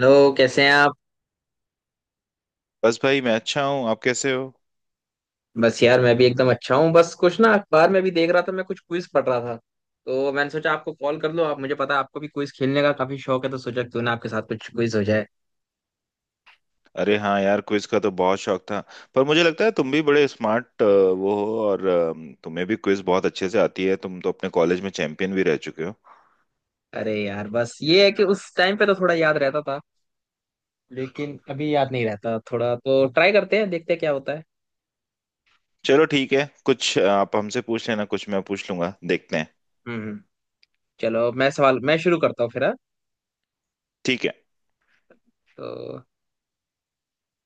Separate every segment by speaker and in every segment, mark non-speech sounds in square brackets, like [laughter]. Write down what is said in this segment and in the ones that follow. Speaker 1: Hello, कैसे हैं आप?
Speaker 2: बस भाई मैं अच्छा हूँ। आप कैसे हो?
Speaker 1: बस यार, मैं भी एकदम अच्छा हूँ। बस कुछ ना, अखबार में भी देख रहा था, मैं कुछ क्विज पढ़ रहा था, तो मैंने सोचा आपको कॉल कर लो। आप, मुझे पता है आपको भी क्विज खेलने का काफी शौक है, तो सोचा क्यों ना आपके साथ कुछ क्विज हो जाए।
Speaker 2: अरे हाँ यार, क्विज का तो बहुत शौक था। पर मुझे लगता है तुम भी बड़े स्मार्ट वो हो और तुम्हें भी क्विज बहुत अच्छे से आती है। तुम तो अपने कॉलेज में चैंपियन भी रह चुके हो।
Speaker 1: अरे यार, बस ये है कि उस टाइम पे तो थोड़ा याद रहता था, लेकिन अभी याद नहीं रहता। थोड़ा तो ट्राई करते हैं, देखते हैं क्या होता है।
Speaker 2: चलो ठीक है, कुछ आप हमसे पूछ लेना, कुछ मैं पूछ लूंगा, देखते हैं।
Speaker 1: हम्म हम्म। चलो मैं शुरू करता हूँ फिर, हाँ?
Speaker 2: ठीक है।
Speaker 1: तो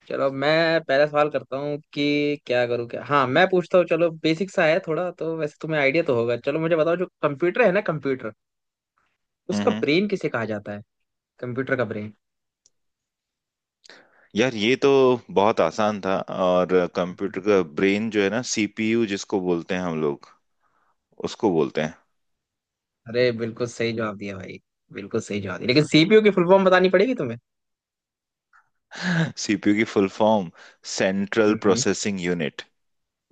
Speaker 1: चलो, मैं पहला सवाल करता हूँ कि क्या करूँ, क्या, हाँ मैं पूछता हूँ। चलो, बेसिक सा है थोड़ा, तो वैसे तुम्हें आइडिया तो होगा। चलो मुझे बताओ, जो कंप्यूटर है ना, कंप्यूटर
Speaker 2: हम्म
Speaker 1: उसका
Speaker 2: हम्म।
Speaker 1: ब्रेन किसे कहा जाता है? कंप्यूटर का ब्रेन।
Speaker 2: यार ये तो बहुत आसान था। और कंप्यूटर
Speaker 1: हम्म।
Speaker 2: का ब्रेन जो है ना, सीपीयू जिसको बोलते हैं हम लोग, उसको बोलते हैं।
Speaker 1: अरे बिल्कुल सही जवाब दिया भाई, बिल्कुल सही जवाब दिया, लेकिन सीपीयू की फुल फॉर्म बतानी पड़ेगी तुम्हें।
Speaker 2: [laughs] सीपीयू की फुल फॉर्म सेंट्रल
Speaker 1: हम्म।
Speaker 2: Processing unit.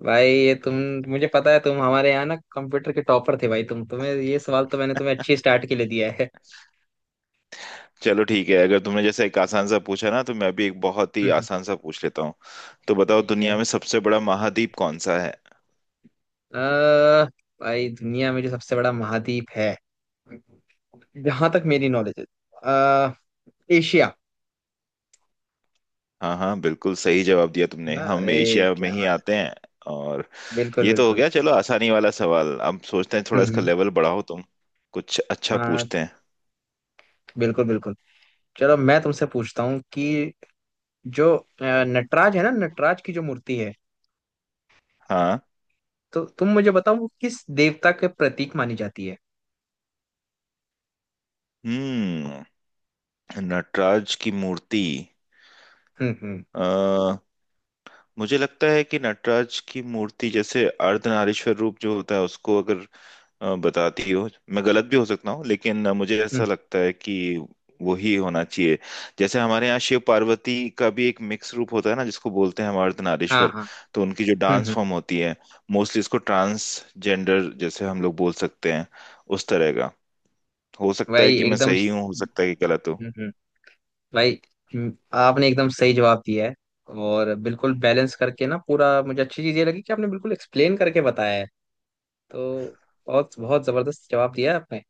Speaker 1: भाई ये तुम मुझे पता है तुम हमारे यहाँ ना कंप्यूटर के टॉपर थे भाई, तुम्हें ये सवाल तो मैंने तुम्हें अच्छी स्टार्ट के लिए दिया है।
Speaker 2: चलो ठीक है, अगर तुमने जैसे एक आसान सा पूछा ना, तो मैं भी एक बहुत ही
Speaker 1: हम्म,
Speaker 2: आसान सा पूछ लेता हूँ। तो बताओ,
Speaker 1: ठीक है।
Speaker 2: दुनिया में सबसे बड़ा महाद्वीप कौन सा है?
Speaker 1: अ भाई, दुनिया में जो सबसे बड़ा महाद्वीप है, जहां तक मेरी नॉलेज है, अ, एशिया।
Speaker 2: हाँ हाँ, बिल्कुल सही जवाब दिया
Speaker 1: है
Speaker 2: तुमने।
Speaker 1: ना?
Speaker 2: हम
Speaker 1: अरे
Speaker 2: एशिया में
Speaker 1: क्या
Speaker 2: ही
Speaker 1: बात है!
Speaker 2: आते हैं। और
Speaker 1: बिल्कुल
Speaker 2: ये तो हो
Speaker 1: बिल्कुल।
Speaker 2: गया चलो आसानी वाला सवाल। अब सोचते हैं, थोड़ा
Speaker 1: हम्म
Speaker 2: इसका
Speaker 1: हम्म,
Speaker 2: लेवल बढ़ाओ तुम, कुछ अच्छा
Speaker 1: हाँ
Speaker 2: पूछते हैं।
Speaker 1: बिल्कुल बिल्कुल। चलो मैं तुमसे पूछता हूँ कि जो नटराज है ना, नटराज की जो मूर्ति है,
Speaker 2: हाँ।
Speaker 1: तो तुम मुझे बताओ वो किस देवता के प्रतीक मानी जाती है?
Speaker 2: हम्म। नटराज की मूर्ति।
Speaker 1: हम्म।
Speaker 2: अ मुझे लगता है कि नटराज की मूर्ति जैसे अर्धनारीश्वर रूप जो होता है, उसको अगर बताती हो। मैं गलत भी हो सकता हूँ, लेकिन मुझे
Speaker 1: हम्म,
Speaker 2: ऐसा लगता है कि वही होना चाहिए। जैसे हमारे यहाँ शिव पार्वती का भी एक मिक्स रूप होता है ना, जिसको बोलते हैं
Speaker 1: हाँ
Speaker 2: मर्दनारीश्वर।
Speaker 1: हाँ।
Speaker 2: तो उनकी जो डांस
Speaker 1: हम्म।
Speaker 2: फॉर्म होती है, मोस्टली इसको ट्रांसजेंडर जैसे हम लोग बोल सकते हैं, उस तरह का। हो सकता है
Speaker 1: भाई
Speaker 2: कि मैं
Speaker 1: एकदम
Speaker 2: सही हूँ,
Speaker 1: स-
Speaker 2: हो सकता है कि गलत हूँ।
Speaker 1: हम्म। भाई, आपने एकदम सही जवाब दिया है, और बिल्कुल बैलेंस करके ना पूरा, मुझे अच्छी चीज ये लगी कि आपने बिल्कुल एक्सप्लेन करके बताया है। तो बहुत बहुत जबरदस्त जवाब दिया है आपने।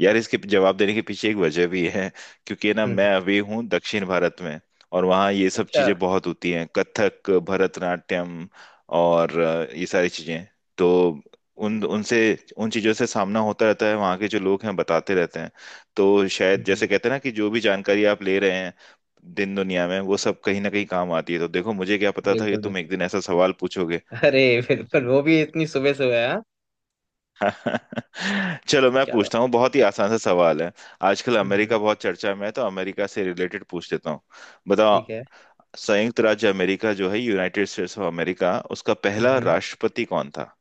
Speaker 2: यार, इसके जवाब देने के पीछे एक वजह भी है। क्योंकि ना
Speaker 1: हम्म हम्म,
Speaker 2: मैं अभी हूँ दक्षिण भारत में, और वहाँ ये सब
Speaker 1: अच्छा।
Speaker 2: चीजें बहुत होती हैं, कथक भरतनाट्यम और ये सारी चीजें। तो उन उनसे उन चीजों से सामना होता रहता है, वहाँ के जो लोग हैं बताते रहते हैं। तो
Speaker 1: हम्म
Speaker 2: शायद जैसे
Speaker 1: हम्म,
Speaker 2: कहते हैं ना कि जो भी जानकारी आप ले रहे हैं दिन दुनिया में, वो सब कहीं ना कहीं काम आती है। तो देखो, मुझे क्या पता था कि
Speaker 1: बिल्कुल
Speaker 2: तुम एक
Speaker 1: बिल्कुल।
Speaker 2: दिन ऐसा सवाल पूछोगे।
Speaker 1: अरे [laughs] बिल्कुल, वो भी इतनी सुबह सुबह, हाँ।
Speaker 2: [laughs] चलो मैं
Speaker 1: चलो।
Speaker 2: पूछता हूँ, बहुत ही आसान सा सवाल है। आजकल
Speaker 1: हम्म हम्म,
Speaker 2: अमेरिका बहुत चर्चा में है, तो अमेरिका से रिलेटेड पूछ लेता हूँ। बताओ,
Speaker 1: ठीक है।
Speaker 2: संयुक्त राज्य अमेरिका जो है, यूनाइटेड स्टेट्स ऑफ अमेरिका, उसका पहला
Speaker 1: हम्म।
Speaker 2: राष्ट्रपति कौन था?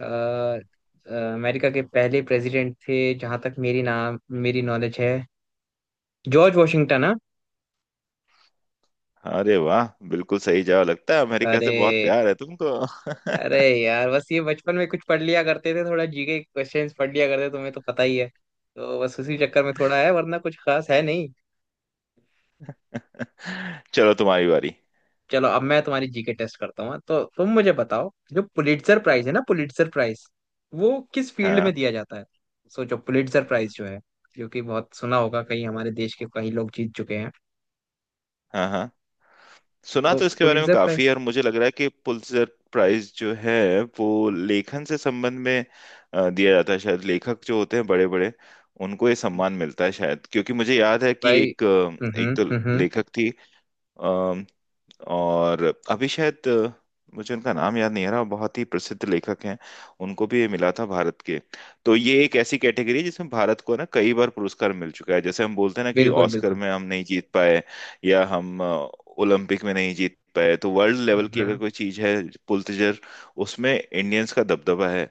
Speaker 1: अमेरिका के पहले प्रेसिडेंट थे, जहां तक मेरी नॉलेज है, जॉर्ज वॉशिंगटन, हाँ।
Speaker 2: अरे वाह, बिल्कुल सही जवाब। लगता है अमेरिका से
Speaker 1: अरे,
Speaker 2: बहुत प्यार है तुमको।
Speaker 1: अरे यार बस ये बचपन में कुछ पढ़ लिया करते थे, थोड़ा जीके क्वेश्चंस पढ़ लिया करते, तुम्हें तो पता ही है, तो बस उसी चक्कर में थोड़ा है, वरना कुछ खास है नहीं।
Speaker 2: [laughs] चलो तुम्हारी बारी।
Speaker 1: चलो अब मैं तुम्हारी जीके टेस्ट करता हूँ, हाँ। तो तुम मुझे बताओ, जो पुलिट्जर प्राइज है ना, पुलिट्जर प्राइज, वो किस फील्ड में
Speaker 2: हाँ
Speaker 1: दिया जाता है? सोचो, पुलिट्जर प्राइज जो है, जो कि बहुत सुना होगा, कहीं हमारे देश के कई लोग जीत चुके हैं।
Speaker 2: हाँ हाँ। सुना
Speaker 1: तो
Speaker 2: तो इसके बारे में
Speaker 1: पुलिट्जर
Speaker 2: काफी
Speaker 1: प्राइज।
Speaker 2: है, और मुझे लग रहा है कि पुलित्जर प्राइज जो है वो लेखन से संबंध में दिया जाता है शायद। लेखक जो होते हैं बड़े बड़े, उनको ये सम्मान मिलता है शायद। क्योंकि मुझे याद है कि
Speaker 1: भाई,
Speaker 2: एक एक तो
Speaker 1: हम्म।
Speaker 2: लेखक थी, अम, और अभी शायद मुझे उनका नाम याद नहीं आ रहा, बहुत ही प्रसिद्ध लेखक हैं, उनको भी ये मिला था, भारत के। तो ये एक ऐसी कैटेगरी है जिसमें भारत को ना कई बार पुरस्कार मिल चुका है। जैसे हम बोलते हैं ना कि
Speaker 1: बिल्कुल
Speaker 2: ऑस्कर
Speaker 1: बिल्कुल।
Speaker 2: में हम नहीं जीत पाए, या हम ओलंपिक में नहीं जीत पाए, तो वर्ल्ड लेवल की अगर
Speaker 1: हम्म।
Speaker 2: कोई चीज है पुलितजर, उसमें इंडियंस का दबदबा है।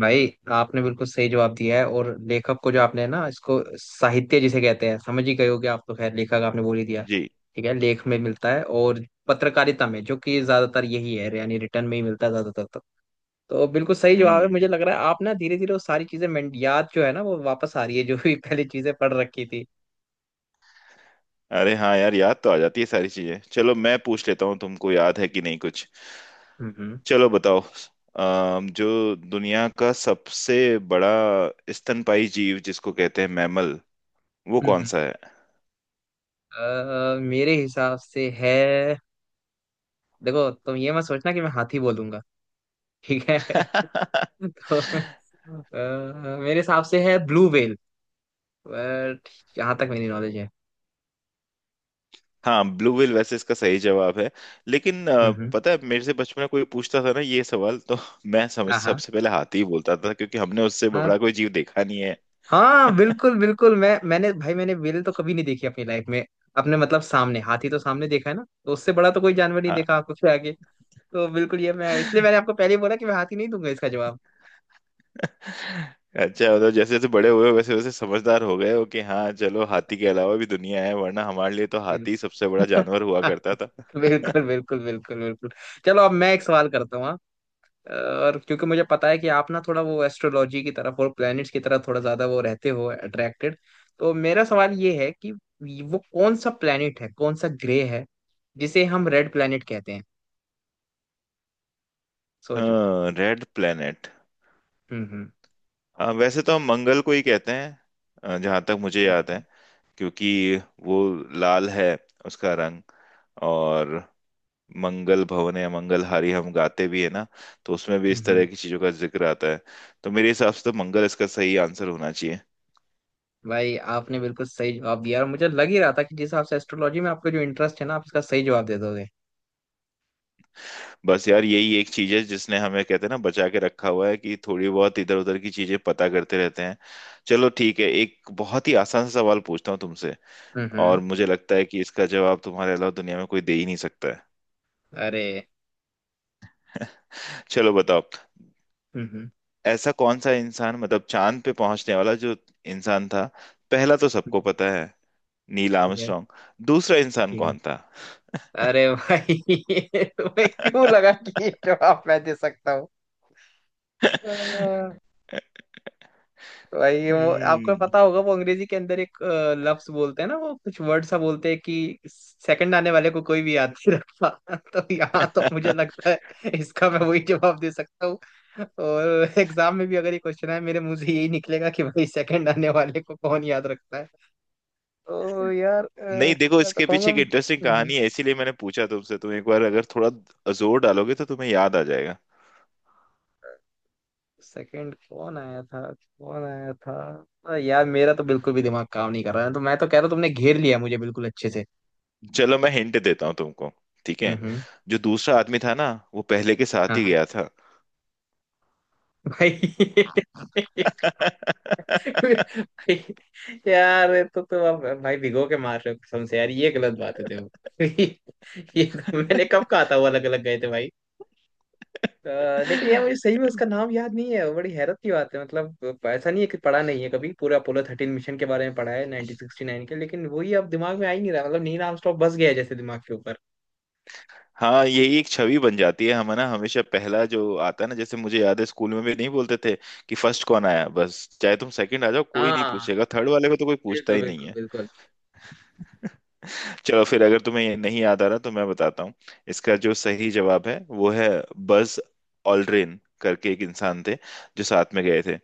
Speaker 1: भाई, आपने बिल्कुल सही जवाब दिया है, और लेखक को जो आपने ना, इसको साहित्य जिसे कहते हैं, समझ ही गए हो कि आप, तो खैर लेखक आपने बोल ही दिया,
Speaker 2: जी।
Speaker 1: ठीक है, लेख में मिलता है और पत्रकारिता में, जो कि ज्यादातर यही है, यानी रिटर्न में ही मिलता है ज्यादातर। तो बिल्कुल सही जवाब है।
Speaker 2: हम्म।
Speaker 1: मुझे लग रहा है आप ना धीरे धीरे वो सारी चीजें याद जो है ना वो वापस आ रही है, जो भी [laughs] पहले चीजें पढ़ रखी थी।
Speaker 2: अरे हाँ यार, याद तो आ जाती है सारी चीजें। चलो मैं पूछ लेता हूँ तुमको, याद है कि नहीं कुछ।
Speaker 1: हम्म।
Speaker 2: चलो बताओ, जो दुनिया का सबसे बड़ा स्तनपाई जीव जिसको कहते हैं मैमल, वो
Speaker 1: हम्म,
Speaker 2: कौन
Speaker 1: हम्म।
Speaker 2: सा है?
Speaker 1: मेरे हिसाब से है, देखो तुम ये मत सोचना कि मैं हाथी बोलूंगा, ठीक है। [laughs]
Speaker 2: [laughs]
Speaker 1: तो मेरे हिसाब से है ब्लू व्हेल, बट यहाँ तक मेरी नॉलेज है।
Speaker 2: हाँ, ब्लू व्हेल वैसे इसका सही जवाब है। लेकिन
Speaker 1: हम्म हम्म,
Speaker 2: पता है, मेरे से बचपन में कोई पूछता था ना ये सवाल, तो [laughs] मैं समझ
Speaker 1: हाँ हाँ।
Speaker 2: सबसे पहले हाथी ही बोलता था, क्योंकि हमने उससे
Speaker 1: हाँ।
Speaker 2: बड़ा कोई जीव देखा नहीं है।
Speaker 1: हाँ बिल्कुल बिल्कुल, मैंने भाई मैंने व्हेल तो कभी नहीं देखी अपनी लाइफ में, अपने मतलब सामने। हाथी तो सामने देखा है ना, तो उससे बड़ा तो कोई जानवर नहीं देखा आपको फिर आगे। तो बिल्कुल ये मैं इसलिए
Speaker 2: हाँ।
Speaker 1: मैंने आपको पहले ही बोला कि मैं हाथी नहीं दूंगा इसका जवाब।
Speaker 2: [laughs] अच्छा, मतलब जैसे जैसे बड़े हुए वैसे वैसे समझदार हो गए हो कि हाँ चलो हाथी के अलावा भी दुनिया है, वरना हमारे लिए तो हाथी सबसे बड़ा
Speaker 1: बिल्कुल।
Speaker 2: जानवर हुआ करता था।
Speaker 1: [laughs] बिल्कुल
Speaker 2: [laughs]
Speaker 1: बिल्कुल बिल्कुल बिल्कुल। चलो अब मैं एक सवाल करता हूँ, हाँ। और क्योंकि मुझे पता है कि आप ना थोड़ा वो एस्ट्रोलॉजी की तरफ और प्लैनेट्स की तरफ थोड़ा ज्यादा वो रहते हो अट्रैक्टेड, तो मेरा सवाल ये है कि वो कौन सा प्लैनेट है, कौन सा ग्रे है जिसे हम रेड प्लैनेट कहते हैं? सोचो।
Speaker 2: हाँ, रेड प्लेनेट।
Speaker 1: हम्म।
Speaker 2: आ, वैसे तो हम मंगल को ही कहते हैं जहां तक मुझे याद है। क्योंकि वो लाल है उसका रंग। और मंगल भवन या मंगलहारी हम गाते भी है ना, तो उसमें भी
Speaker 1: हम्म
Speaker 2: इस
Speaker 1: हम्म।
Speaker 2: तरह की चीजों का जिक्र आता है। तो मेरे हिसाब से तो मंगल इसका सही आंसर होना चाहिए।
Speaker 1: भाई, आपने बिल्कुल सही जवाब दिया, और मुझे लग ही रहा था कि जिस हिसाब से एस्ट्रोलॉजी में आपका जो इंटरेस्ट है ना, आप इसका सही जवाब दे दोगे।
Speaker 2: बस यार, यही एक चीज है जिसने हमें कहते हैं ना बचा के रखा हुआ है, कि थोड़ी बहुत इधर उधर की चीजें पता करते रहते हैं। चलो ठीक है, एक बहुत ही आसान सा सवाल पूछता हूँ तुमसे।
Speaker 1: हम्म
Speaker 2: और
Speaker 1: हम्म।
Speaker 2: मुझे लगता है कि इसका जवाब तुम्हारे अलावा दुनिया में कोई दे ही नहीं सकता है।
Speaker 1: अरे!
Speaker 2: [laughs] चलो बताओ,
Speaker 1: हम्म।
Speaker 2: ऐसा कौन सा इंसान, मतलब चांद पे पहुंचने वाला जो इंसान था, पहला तो
Speaker 1: हम्म।
Speaker 2: सबको पता है, नील
Speaker 1: ठीक है।
Speaker 2: आर्मस्ट्रॉन्ग, दूसरा इंसान
Speaker 1: ठीक है।
Speaker 2: कौन था?
Speaker 1: अरे भाई, [laughs] तुम्हें क्यों
Speaker 2: [laughs]
Speaker 1: लगा कि ये जवाब मैं दे सकता हूँ? भाई, वो आपको
Speaker 2: हम्म।
Speaker 1: पता होगा, वो अंग्रेजी के अंदर एक लफ्ज बोलते हैं ना, वो कुछ वर्ड सा बोलते हैं कि सेकंड आने वाले को कोई भी याद नहीं रखता। [laughs] तो यहाँ तो मुझे
Speaker 2: [laughs]
Speaker 1: लगता है इसका मैं वही जवाब दे सकता हूँ। और एग्जाम में भी अगर ये क्वेश्चन है, मेरे मुंह से यही निकलेगा कि भाई, सेकंड आने वाले को कौन याद रखता है? तो यार
Speaker 2: नहीं देखो,
Speaker 1: मैं तो
Speaker 2: इसके
Speaker 1: कहूंगा,
Speaker 2: पीछे एक इंटरेस्टिंग कहानी है, इसीलिए मैंने पूछा तुमसे। तुम एक बार अगर थोड़ा जोर डालोगे तो तुम्हें याद आ जाएगा।
Speaker 1: सेकंड कौन आया था, कौन आया था? यार मेरा तो बिल्कुल भी दिमाग काम नहीं कर रहा है, तो मैं तो कह रहा हूँ तुमने घेर लिया मुझे बिल्कुल अच्छे से।
Speaker 2: चलो मैं हिंट देता हूँ तुमको, ठीक है।
Speaker 1: हम्म।
Speaker 2: जो दूसरा आदमी था ना वो पहले के साथ ही गया था।
Speaker 1: भाई,
Speaker 2: [laughs]
Speaker 1: भाई यार, ये तो तुम अब भाई भिगो के मार रहे हो कसम से। यार ये गलत बात है, देखो। [laughs] ये तो मैंने कब कहा था वो अलग अलग गए थे भाई। लेकिन यार मुझे सही में उसका नाम याद नहीं है, बड़ी हैरत की बात है। मतलब ऐसा नहीं है कि पढ़ा नहीं है, कभी पूरा अपोलो थर्टीन मिशन के बारे में पढ़ा है 1969 के, लेकिन वही अब दिमाग में आ ही नहीं रहा। मतलब नील आर्मस्ट्रॉन्ग बस गया है जैसे दिमाग के ऊपर।
Speaker 2: हाँ, यही एक छवि बन जाती है। हम ना हमेशा पहला जो आता है ना, जैसे मुझे याद है स्कूल में भी नहीं बोलते थे कि फर्स्ट कौन आया, बस। चाहे तुम सेकंड आ जाओ कोई नहीं
Speaker 1: हाँ
Speaker 2: पूछेगा, थर्ड वाले को तो कोई पूछता
Speaker 1: बिल्कुल
Speaker 2: ही नहीं।
Speaker 1: बिल्कुल बिल्कुल।
Speaker 2: [laughs] चलो फिर, अगर तुम्हें ये नहीं याद आ रहा तो मैं बताता हूँ। इसका जो सही जवाब है वो है बज ऑल्ड्रिन करके एक इंसान थे, जो साथ में गए थे।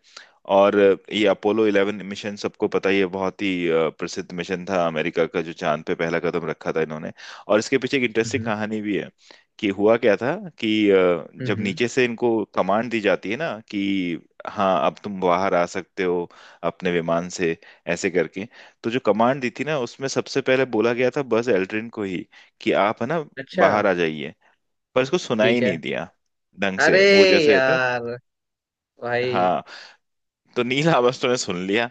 Speaker 2: और ये अपोलो 11 मिशन सबको पता ही है, बहुत ही प्रसिद्ध मिशन था अमेरिका का, जो चांद पे पहला कदम रखा था इन्होंने। और इसके पीछे एक इंटरेस्टिंग
Speaker 1: हम्म
Speaker 2: कहानी भी है कि हुआ क्या था कि
Speaker 1: हम्म।
Speaker 2: जब
Speaker 1: हम्म।
Speaker 2: नीचे से इनको कमांड दी जाती है ना कि हाँ अब तुम बाहर आ सकते हो अपने विमान से, ऐसे करके। तो जो कमांड दी थी ना उसमें सबसे पहले बोला गया था बस एल्ड्रिन को ही कि आप है ना
Speaker 1: अच्छा।
Speaker 2: बाहर आ जाइए। पर इसको सुना ही
Speaker 1: ठीक है।
Speaker 2: नहीं दिया ढंग
Speaker 1: अरे
Speaker 2: से वो जैसे था।
Speaker 1: यार। भाई।
Speaker 2: हाँ। तो नील आर्मस्ट्रॉन्ग ने सुन लिया,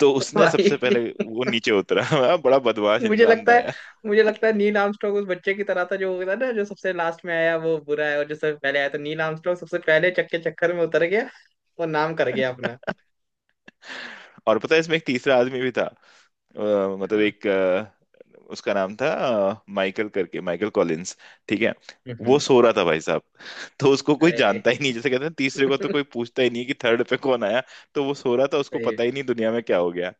Speaker 2: तो
Speaker 1: [laughs]
Speaker 2: उसने सबसे
Speaker 1: भाई,
Speaker 2: पहले वो नीचे उतरा। [laughs] बड़ा बदमाश
Speaker 1: मुझे
Speaker 2: इंसान
Speaker 1: लगता
Speaker 2: था
Speaker 1: है,
Speaker 2: यार।
Speaker 1: मुझे लगता है नील आर्मस्ट्रांग उस बच्चे की तरह था जो था ना, जो सबसे लास्ट में आया वो बुरा है, और जो सबसे पहले आया, तो नील आर्मस्ट्रांग सबसे पहले चक्के चक्कर में उतर गया और नाम कर गया अपना।
Speaker 2: [laughs] और पता है, इसमें एक तीसरा आदमी भी था। अ, मतलब
Speaker 1: हाँ।
Speaker 2: एक अ, उसका नाम था माइकल करके, माइकल कॉलिंस। ठीक है। वो
Speaker 1: हम्म।
Speaker 2: सो रहा था भाई साहब। तो उसको कोई
Speaker 1: अरे!
Speaker 2: जानता ही नहीं, जैसे कहते हैं तीसरे को तो
Speaker 1: [laughs]
Speaker 2: कोई पूछता ही नहीं कि थर्ड पे कौन आया। तो वो सो रहा था, उसको पता
Speaker 1: सही,
Speaker 2: ही नहीं दुनिया में क्या हो गया।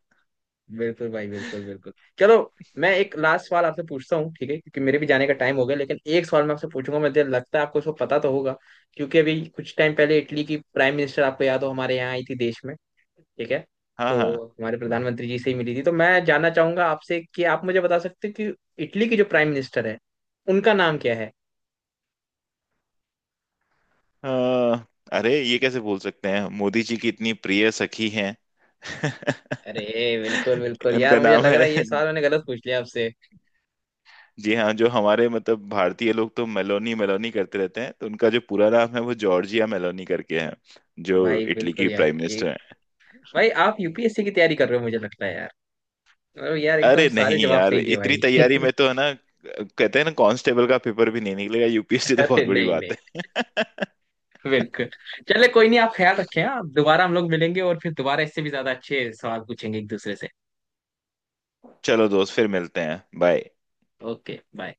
Speaker 1: बिल्कुल भाई, बिल्कुल बिल्कुल। चलो मैं एक लास्ट सवाल आपसे पूछता हूँ, ठीक है, क्योंकि मेरे भी जाने का टाइम हो गया, लेकिन एक सवाल मैं आपसे पूछूंगा, मुझे लगता है आपको उसको पता तो होगा। क्योंकि अभी कुछ टाइम पहले इटली की प्राइम मिनिस्टर, आपको याद हो, हमारे यहाँ आई थी देश में, ठीक है,
Speaker 2: हाँ
Speaker 1: तो
Speaker 2: हाँ।
Speaker 1: हमारे प्रधानमंत्री जी से ही मिली थी। तो मैं जानना चाहूंगा आपसे कि आप मुझे बता सकते हैं कि इटली की जो प्राइम मिनिस्टर है, उनका नाम क्या है?
Speaker 2: अ, अरे ये कैसे बोल सकते हैं, मोदी जी की इतनी प्रिय सखी हैं।
Speaker 1: अरे
Speaker 2: [laughs]
Speaker 1: बिल्कुल बिल्कुल, यार
Speaker 2: उनका
Speaker 1: मुझे
Speaker 2: नाम
Speaker 1: लग रहा
Speaker 2: है,
Speaker 1: है ये सवाल मैंने गलत पूछ लिया आपसे।
Speaker 2: जी हाँ, जो हमारे मतलब भारतीय लोग तो मेलोनी मेलोनी करते रहते हैं, तो उनका जो पूरा नाम है वो जॉर्जिया मेलोनी करके है, जो
Speaker 1: भाई
Speaker 2: इटली
Speaker 1: बिल्कुल
Speaker 2: की
Speaker 1: यार,
Speaker 2: प्राइम मिनिस्टर
Speaker 1: एक,
Speaker 2: है।
Speaker 1: भाई आप यूपीएससी की तैयारी कर रहे हो मुझे लगता है यार। अरे यार एकदम
Speaker 2: अरे
Speaker 1: सारे
Speaker 2: नहीं
Speaker 1: जवाब
Speaker 2: यार,
Speaker 1: सही दिए
Speaker 2: इतनी
Speaker 1: भाई।
Speaker 2: तैयारी
Speaker 1: [laughs]
Speaker 2: में तो है ना, कहते हैं ना कांस्टेबल का पेपर भी नहीं निकलेगा, यूपीएससी तो
Speaker 1: अरे
Speaker 2: बहुत बड़ी
Speaker 1: नहीं
Speaker 2: बात
Speaker 1: नहीं,
Speaker 2: है। [laughs]
Speaker 1: बिल्कुल। चले, कोई नहीं, आप ख्याल रखें, आप दोबारा हम लोग मिलेंगे, और फिर दोबारा इससे भी ज्यादा अच्छे सवाल पूछेंगे एक दूसरे से।
Speaker 2: चलो दोस्त, फिर मिलते हैं, बाय।
Speaker 1: Okay, bye.